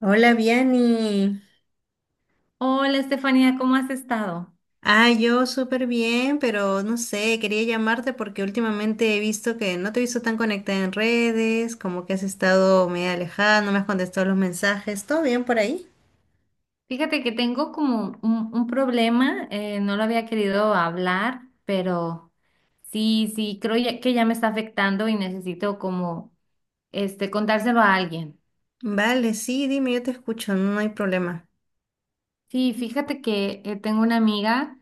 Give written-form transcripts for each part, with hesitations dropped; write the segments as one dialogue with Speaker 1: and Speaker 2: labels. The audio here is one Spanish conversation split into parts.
Speaker 1: Hola, Viani.
Speaker 2: Hola Estefanía, ¿cómo has estado?
Speaker 1: Ah, yo súper bien, pero no sé, quería llamarte porque últimamente he visto que no te he visto tan conectada en redes, como que has estado medio alejada, no me has contestado los mensajes. ¿Todo bien por ahí?
Speaker 2: Fíjate que tengo como un problema, no lo había querido hablar, pero sí, creo que ya me está afectando y necesito como este contárselo a alguien.
Speaker 1: Vale, sí, dime, yo te escucho, no hay problema.
Speaker 2: Sí, fíjate que tengo una amiga,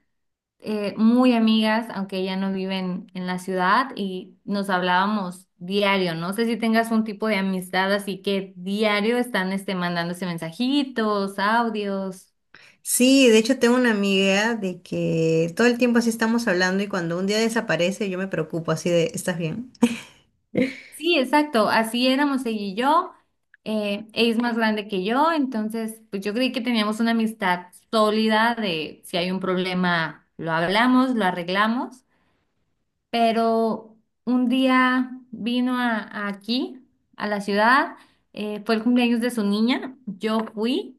Speaker 2: muy amigas, aunque ella no vive en la ciudad y nos hablábamos diario. No sé si tengas un tipo de amistad, así que diario están este, mandándose mensajitos, audios.
Speaker 1: Sí, de hecho tengo una amiga de que todo el tiempo así estamos hablando y cuando un día desaparece yo me preocupo así de, ¿estás bien?
Speaker 2: Sí, exacto, así éramos ella y yo. Ella es más grande que yo, entonces pues yo creí que teníamos una amistad sólida de si hay un problema lo hablamos, lo arreglamos, pero un día vino a aquí, a la ciudad, fue el cumpleaños de su niña, yo fui,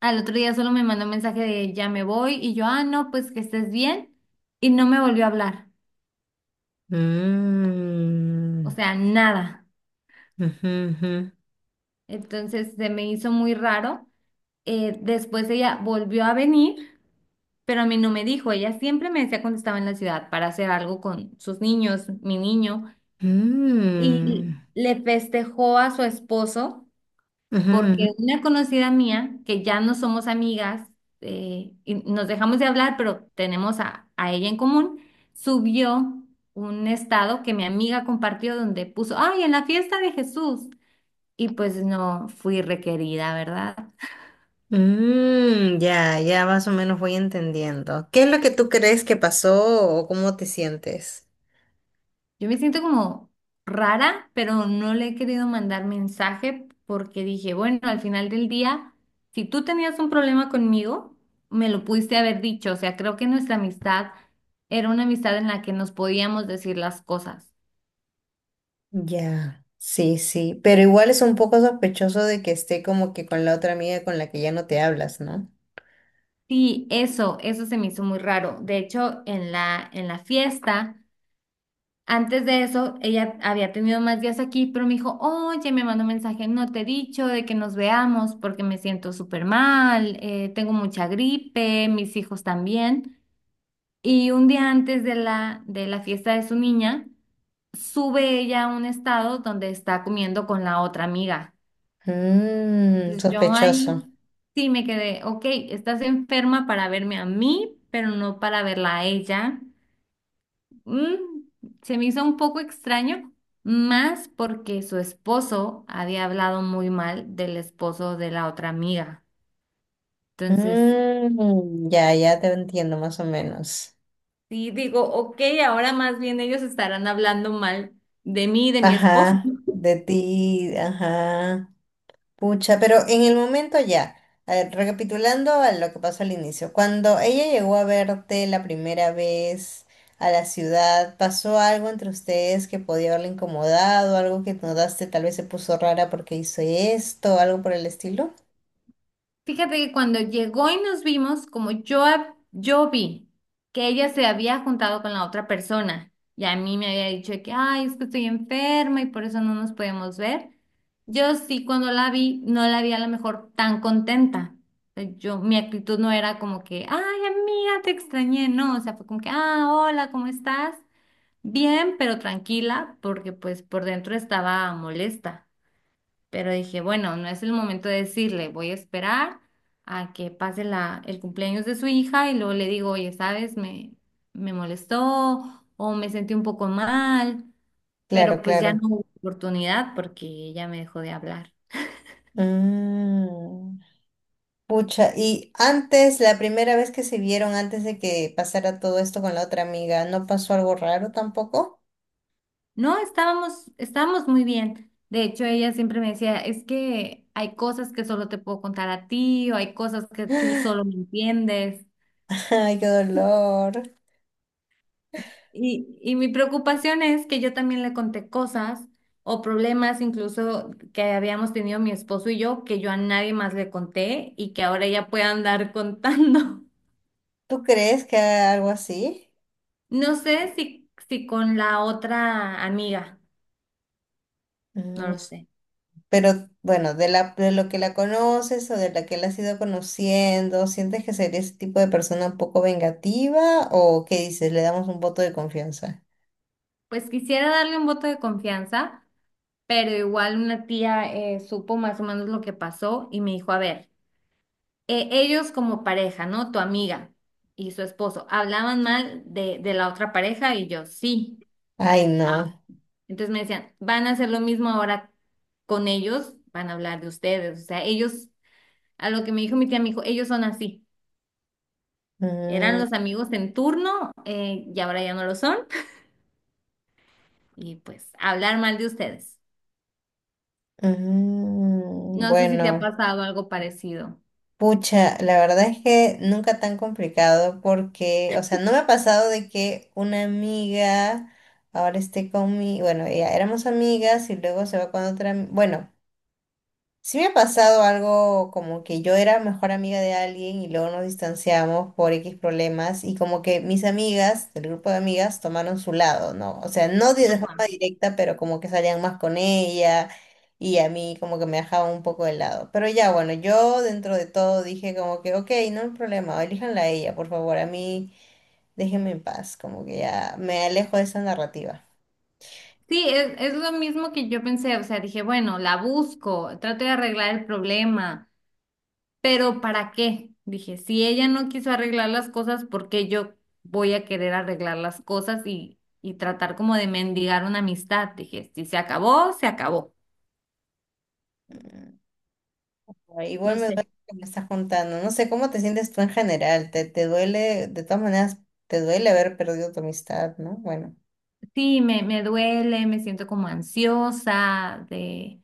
Speaker 2: al otro día solo me mandó un mensaje de ya me voy y yo, ah, no, pues que estés bien y no me volvió a hablar, o
Speaker 1: Mm,
Speaker 2: sea, nada.
Speaker 1: ujú, ujú.
Speaker 2: Entonces se me hizo muy raro. Después ella volvió a venir, pero a mí no me dijo. Ella siempre me decía cuando estaba en la ciudad para hacer algo con sus niños, mi niño,
Speaker 1: Mm,
Speaker 2: y le festejó a su esposo
Speaker 1: ujú,
Speaker 2: porque
Speaker 1: ujú.
Speaker 2: una conocida mía, que ya no somos amigas, y nos dejamos de hablar, pero tenemos a ella en común, subió un estado que mi amiga compartió donde puso, ay, en la fiesta de Jesús. Y pues no fui requerida, ¿verdad?
Speaker 1: Mm, ya, ya más o menos voy entendiendo. ¿Qué es lo que tú crees que pasó o cómo te sientes?
Speaker 2: Yo me siento como rara, pero no le he querido mandar mensaje porque dije, bueno, al final del día, si tú tenías un problema conmigo, me lo pudiste haber dicho. O sea, creo que nuestra amistad era una amistad en la que nos podíamos decir las cosas.
Speaker 1: Ya, sí, sí, pero igual es un poco sospechoso de que esté como que con la otra amiga con la que ya no te hablas, ¿no?
Speaker 2: Sí, eso se me hizo muy raro. De hecho, en la fiesta. Antes de eso, ella había tenido más días aquí, pero me dijo, oye, me mandó un mensaje, no te he dicho de que nos veamos porque me siento súper mal, tengo mucha gripe, mis hijos también. Y un día antes de la fiesta de su niña, sube ella a un estado donde está comiendo con la otra amiga.
Speaker 1: Mmm,
Speaker 2: Entonces yo
Speaker 1: sospechoso.
Speaker 2: ahí sí me quedé, ok, estás enferma para verme a mí, pero no para verla a ella. Mm, Se me hizo un poco extraño, más porque su esposo había hablado muy mal del esposo de la otra amiga. Entonces,
Speaker 1: Mmm, ya, ya te entiendo más o menos.
Speaker 2: sí digo, ok, ahora más bien ellos estarán hablando mal de mí y de mi esposo.
Speaker 1: Ajá, de ti, ajá. Pucha, pero en el momento ya, a ver, recapitulando a lo que pasó al inicio, cuando ella llegó a verte la primera vez a la ciudad, ¿pasó algo entre ustedes que podía haberle incomodado, algo que notaste tal vez se puso rara porque hizo esto, algo por el estilo?
Speaker 2: Fíjate que cuando llegó y nos vimos, como yo, yo vi que ella se había juntado con la otra persona y a mí me había dicho de que, ay, es que estoy enferma y por eso no nos podemos ver, yo sí cuando la vi no la vi a lo mejor tan contenta. Yo, mi actitud no era como que, ay, amiga, te extrañé, no, o sea, fue como que, ah, hola, ¿cómo estás? Bien, pero tranquila, porque pues por dentro estaba molesta. Pero dije, bueno, no es el momento de decirle, voy a esperar a que pase el cumpleaños de su hija y luego le digo, oye, ¿sabes? Me molestó o me sentí un poco mal,
Speaker 1: Claro,
Speaker 2: pero pues ya no
Speaker 1: claro.
Speaker 2: hubo oportunidad porque ella me dejó de hablar.
Speaker 1: Mm, pucha, y antes, la primera vez que se vieron, antes de que pasara todo esto con la otra amiga, ¿no pasó algo raro tampoco?
Speaker 2: No, estábamos muy bien. De hecho, ella siempre me decía, es que hay cosas que solo te puedo contar a ti o hay cosas que tú solo me entiendes.
Speaker 1: Ay, qué dolor.
Speaker 2: Y mi preocupación es que yo también le conté cosas o problemas incluso que habíamos tenido mi esposo y yo, que yo a nadie más le conté y que ahora ella pueda andar contando.
Speaker 1: ¿Tú crees que haga algo así?
Speaker 2: No sé si con la otra amiga, no
Speaker 1: Mm,
Speaker 2: lo sé.
Speaker 1: pero bueno, de la, de lo que la conoces o de la que la has ido conociendo, ¿sientes que sería ese tipo de persona un poco vengativa o qué dices? Le damos un voto de confianza.
Speaker 2: Pues quisiera darle un voto de confianza, pero igual una tía supo más o menos lo que pasó y me dijo, a ver, ellos como pareja, ¿no? Tu amiga y su esposo, hablaban mal de la otra pareja y yo, sí.
Speaker 1: Ay, no.
Speaker 2: Entonces me decían, van a hacer lo mismo ahora con ellos, van a hablar de ustedes. O sea, ellos, a lo que me dijo mi tía, me dijo, ellos son así. Eran
Speaker 1: Mm,
Speaker 2: los amigos en turno y ahora ya no lo son. Y pues, hablar mal de ustedes.
Speaker 1: mm,
Speaker 2: No sé si te ha
Speaker 1: bueno,
Speaker 2: pasado algo parecido.
Speaker 1: pucha, la verdad es que nunca tan complicado porque, o sea, no me ha pasado de que una amiga ahora esté conmigo, bueno, ya éramos amigas y luego se va con otra, bueno. Sí me ha pasado algo como que yo era mejor amiga de alguien y luego nos distanciamos por X problemas y como que mis amigas, el grupo de amigas, tomaron su lado, ¿no? O sea, no de forma
Speaker 2: Ajá.
Speaker 1: directa, pero como que salían más con ella y a mí como que me dejaban un poco de lado. Pero ya, bueno, yo dentro de todo dije como que, ok, no hay problema, elíjanla a ella, por favor, a mí déjenme en paz, como que ya me alejo de esa narrativa.
Speaker 2: Sí, es lo mismo que yo pensé. O sea, dije, bueno, la busco, trato de arreglar el problema. Pero ¿para qué? Dije, si ella no quiso arreglar las cosas, ¿por qué yo voy a querer arreglar las cosas y tratar como de mendigar una amistad? Dije, si se acabó, se acabó.
Speaker 1: Mm. Ay, igual
Speaker 2: No
Speaker 1: me
Speaker 2: sé.
Speaker 1: duele que me estás contando. No sé cómo te sientes tú en general. Te duele, de todas maneras, te duele haber perdido tu amistad, ¿no? Bueno.
Speaker 2: Sí, me duele, me siento como ansiosa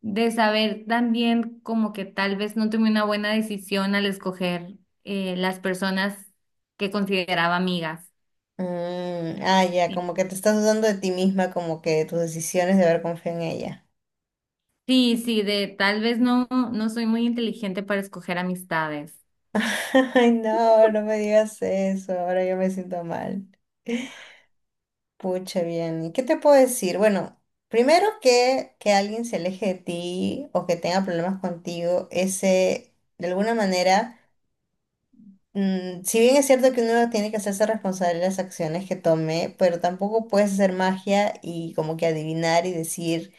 Speaker 2: de saber también como que tal vez no tomé una buena decisión al escoger las personas que consideraba amigas.
Speaker 1: Mm, ah, ya, como que te estás dudando de ti misma, como que de tus decisiones de haber confiado en ella.
Speaker 2: Sí, sí, de tal vez no soy muy inteligente para escoger amistades.
Speaker 1: Ay, no, no me digas eso. Ahora yo me siento mal. Pucha, bien. ¿Y qué te puedo decir? Bueno, primero que alguien se aleje de ti o que tenga problemas contigo, ese, de alguna manera. Mm, si bien es cierto que uno tiene que hacerse responsable de las acciones que tome, pero tampoco puedes hacer magia y como que adivinar y decir,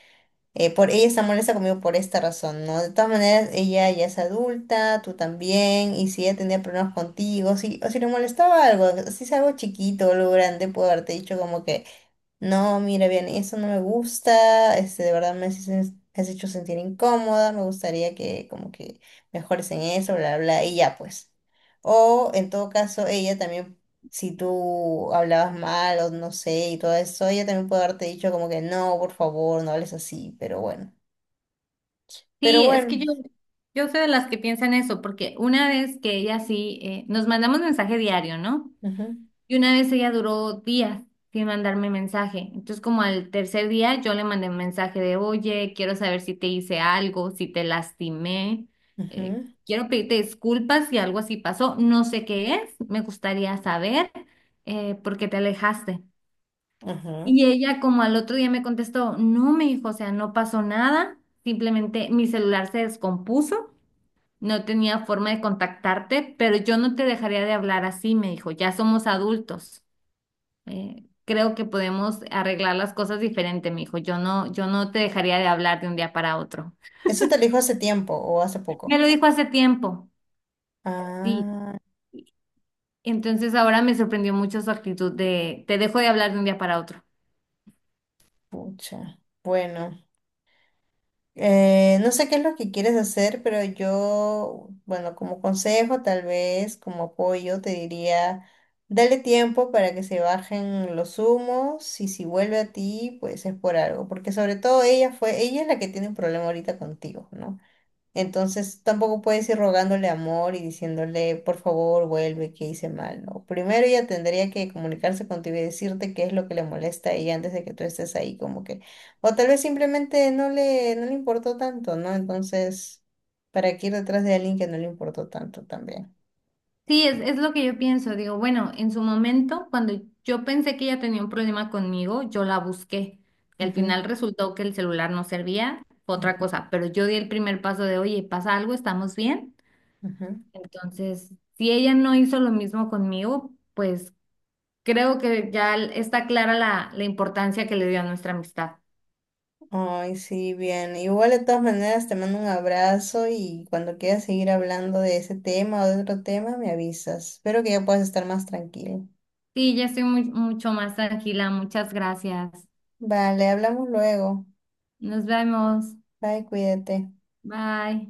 Speaker 1: por ella está molesta conmigo por esta razón, ¿no? De todas maneras, ella ya es adulta, tú también, y si ella tenía problemas contigo, si, o si le molestaba algo, si es algo chiquito o algo grande, puedo haberte dicho como que... No, mira, bien, eso no me gusta, este, de verdad me has hecho sentir incómoda, me gustaría que como que mejores en eso, bla, bla, y ya pues. O en todo caso, ella también, si tú hablabas mal o no sé, y todo eso, ella también puede haberte dicho como que no, por favor, no hables así, pero bueno. Pero
Speaker 2: Sí, es
Speaker 1: bueno,
Speaker 2: que yo soy de las que piensan eso, porque una vez que ella sí, nos mandamos mensaje diario, ¿no?
Speaker 1: ujú,
Speaker 2: Y una vez ella duró días sin mandarme mensaje. Entonces, como al tercer día, yo le mandé un mensaje de, oye, quiero saber si te hice algo, si te lastimé, eh,
Speaker 1: ujú,
Speaker 2: quiero pedirte disculpas si algo así pasó, no sé qué es, me gustaría saber por qué te alejaste.
Speaker 1: ujú.
Speaker 2: Y ella como al otro día me contestó, no, me dijo, o sea, no pasó nada, simplemente mi celular se descompuso no tenía forma de contactarte, pero yo no te dejaría de hablar así, me dijo. Ya somos adultos. Creo que podemos arreglar las cosas diferente, me dijo. Yo no te dejaría de hablar de un día para otro.
Speaker 1: ¿Eso te lo dijo hace tiempo o hace
Speaker 2: Me
Speaker 1: poco?
Speaker 2: lo dijo hace tiempo, sí.
Speaker 1: Ah,
Speaker 2: Entonces ahora me sorprendió mucho su actitud de te dejo de hablar de un día para otro.
Speaker 1: pucha. Bueno. No sé qué es lo que quieres hacer, pero yo, bueno, como consejo, tal vez como apoyo, te diría, dale tiempo para que se bajen los humos y si vuelve a ti, pues es por algo, porque sobre todo ella fue, ella es la que tiene un problema ahorita contigo, ¿no? Entonces tampoco puedes ir rogándole amor y diciéndole, por favor, vuelve, que hice mal, ¿no? Primero ella tendría que comunicarse contigo y decirte qué es lo que le molesta a ella antes de que tú estés ahí, como que, o tal vez simplemente no le importó tanto, ¿no? Entonces, ¿para qué ir detrás de alguien que no le importó tanto también?
Speaker 2: Sí, es lo que yo pienso. Digo, bueno, en su momento, cuando yo pensé que ella tenía un problema conmigo, yo la busqué. Y al
Speaker 1: Ujú,
Speaker 2: final resultó que el celular no servía, fue otra
Speaker 1: ujú,
Speaker 2: cosa. Pero yo di el primer paso de, oye, ¿pasa algo? ¿Estamos bien?
Speaker 1: ujú.
Speaker 2: Entonces, si ella no hizo lo mismo conmigo, pues creo que ya está clara la importancia que le dio a nuestra amistad.
Speaker 1: Ay, sí, bien. Igual de todas maneras te mando un abrazo y cuando quieras seguir hablando de ese tema o de otro tema, me avisas. Espero que ya puedas estar más tranquilo.
Speaker 2: Sí, ya estoy mucho más tranquila. Muchas gracias.
Speaker 1: Vale, hablamos luego.
Speaker 2: Nos vemos.
Speaker 1: Bye, cuídate.
Speaker 2: Bye.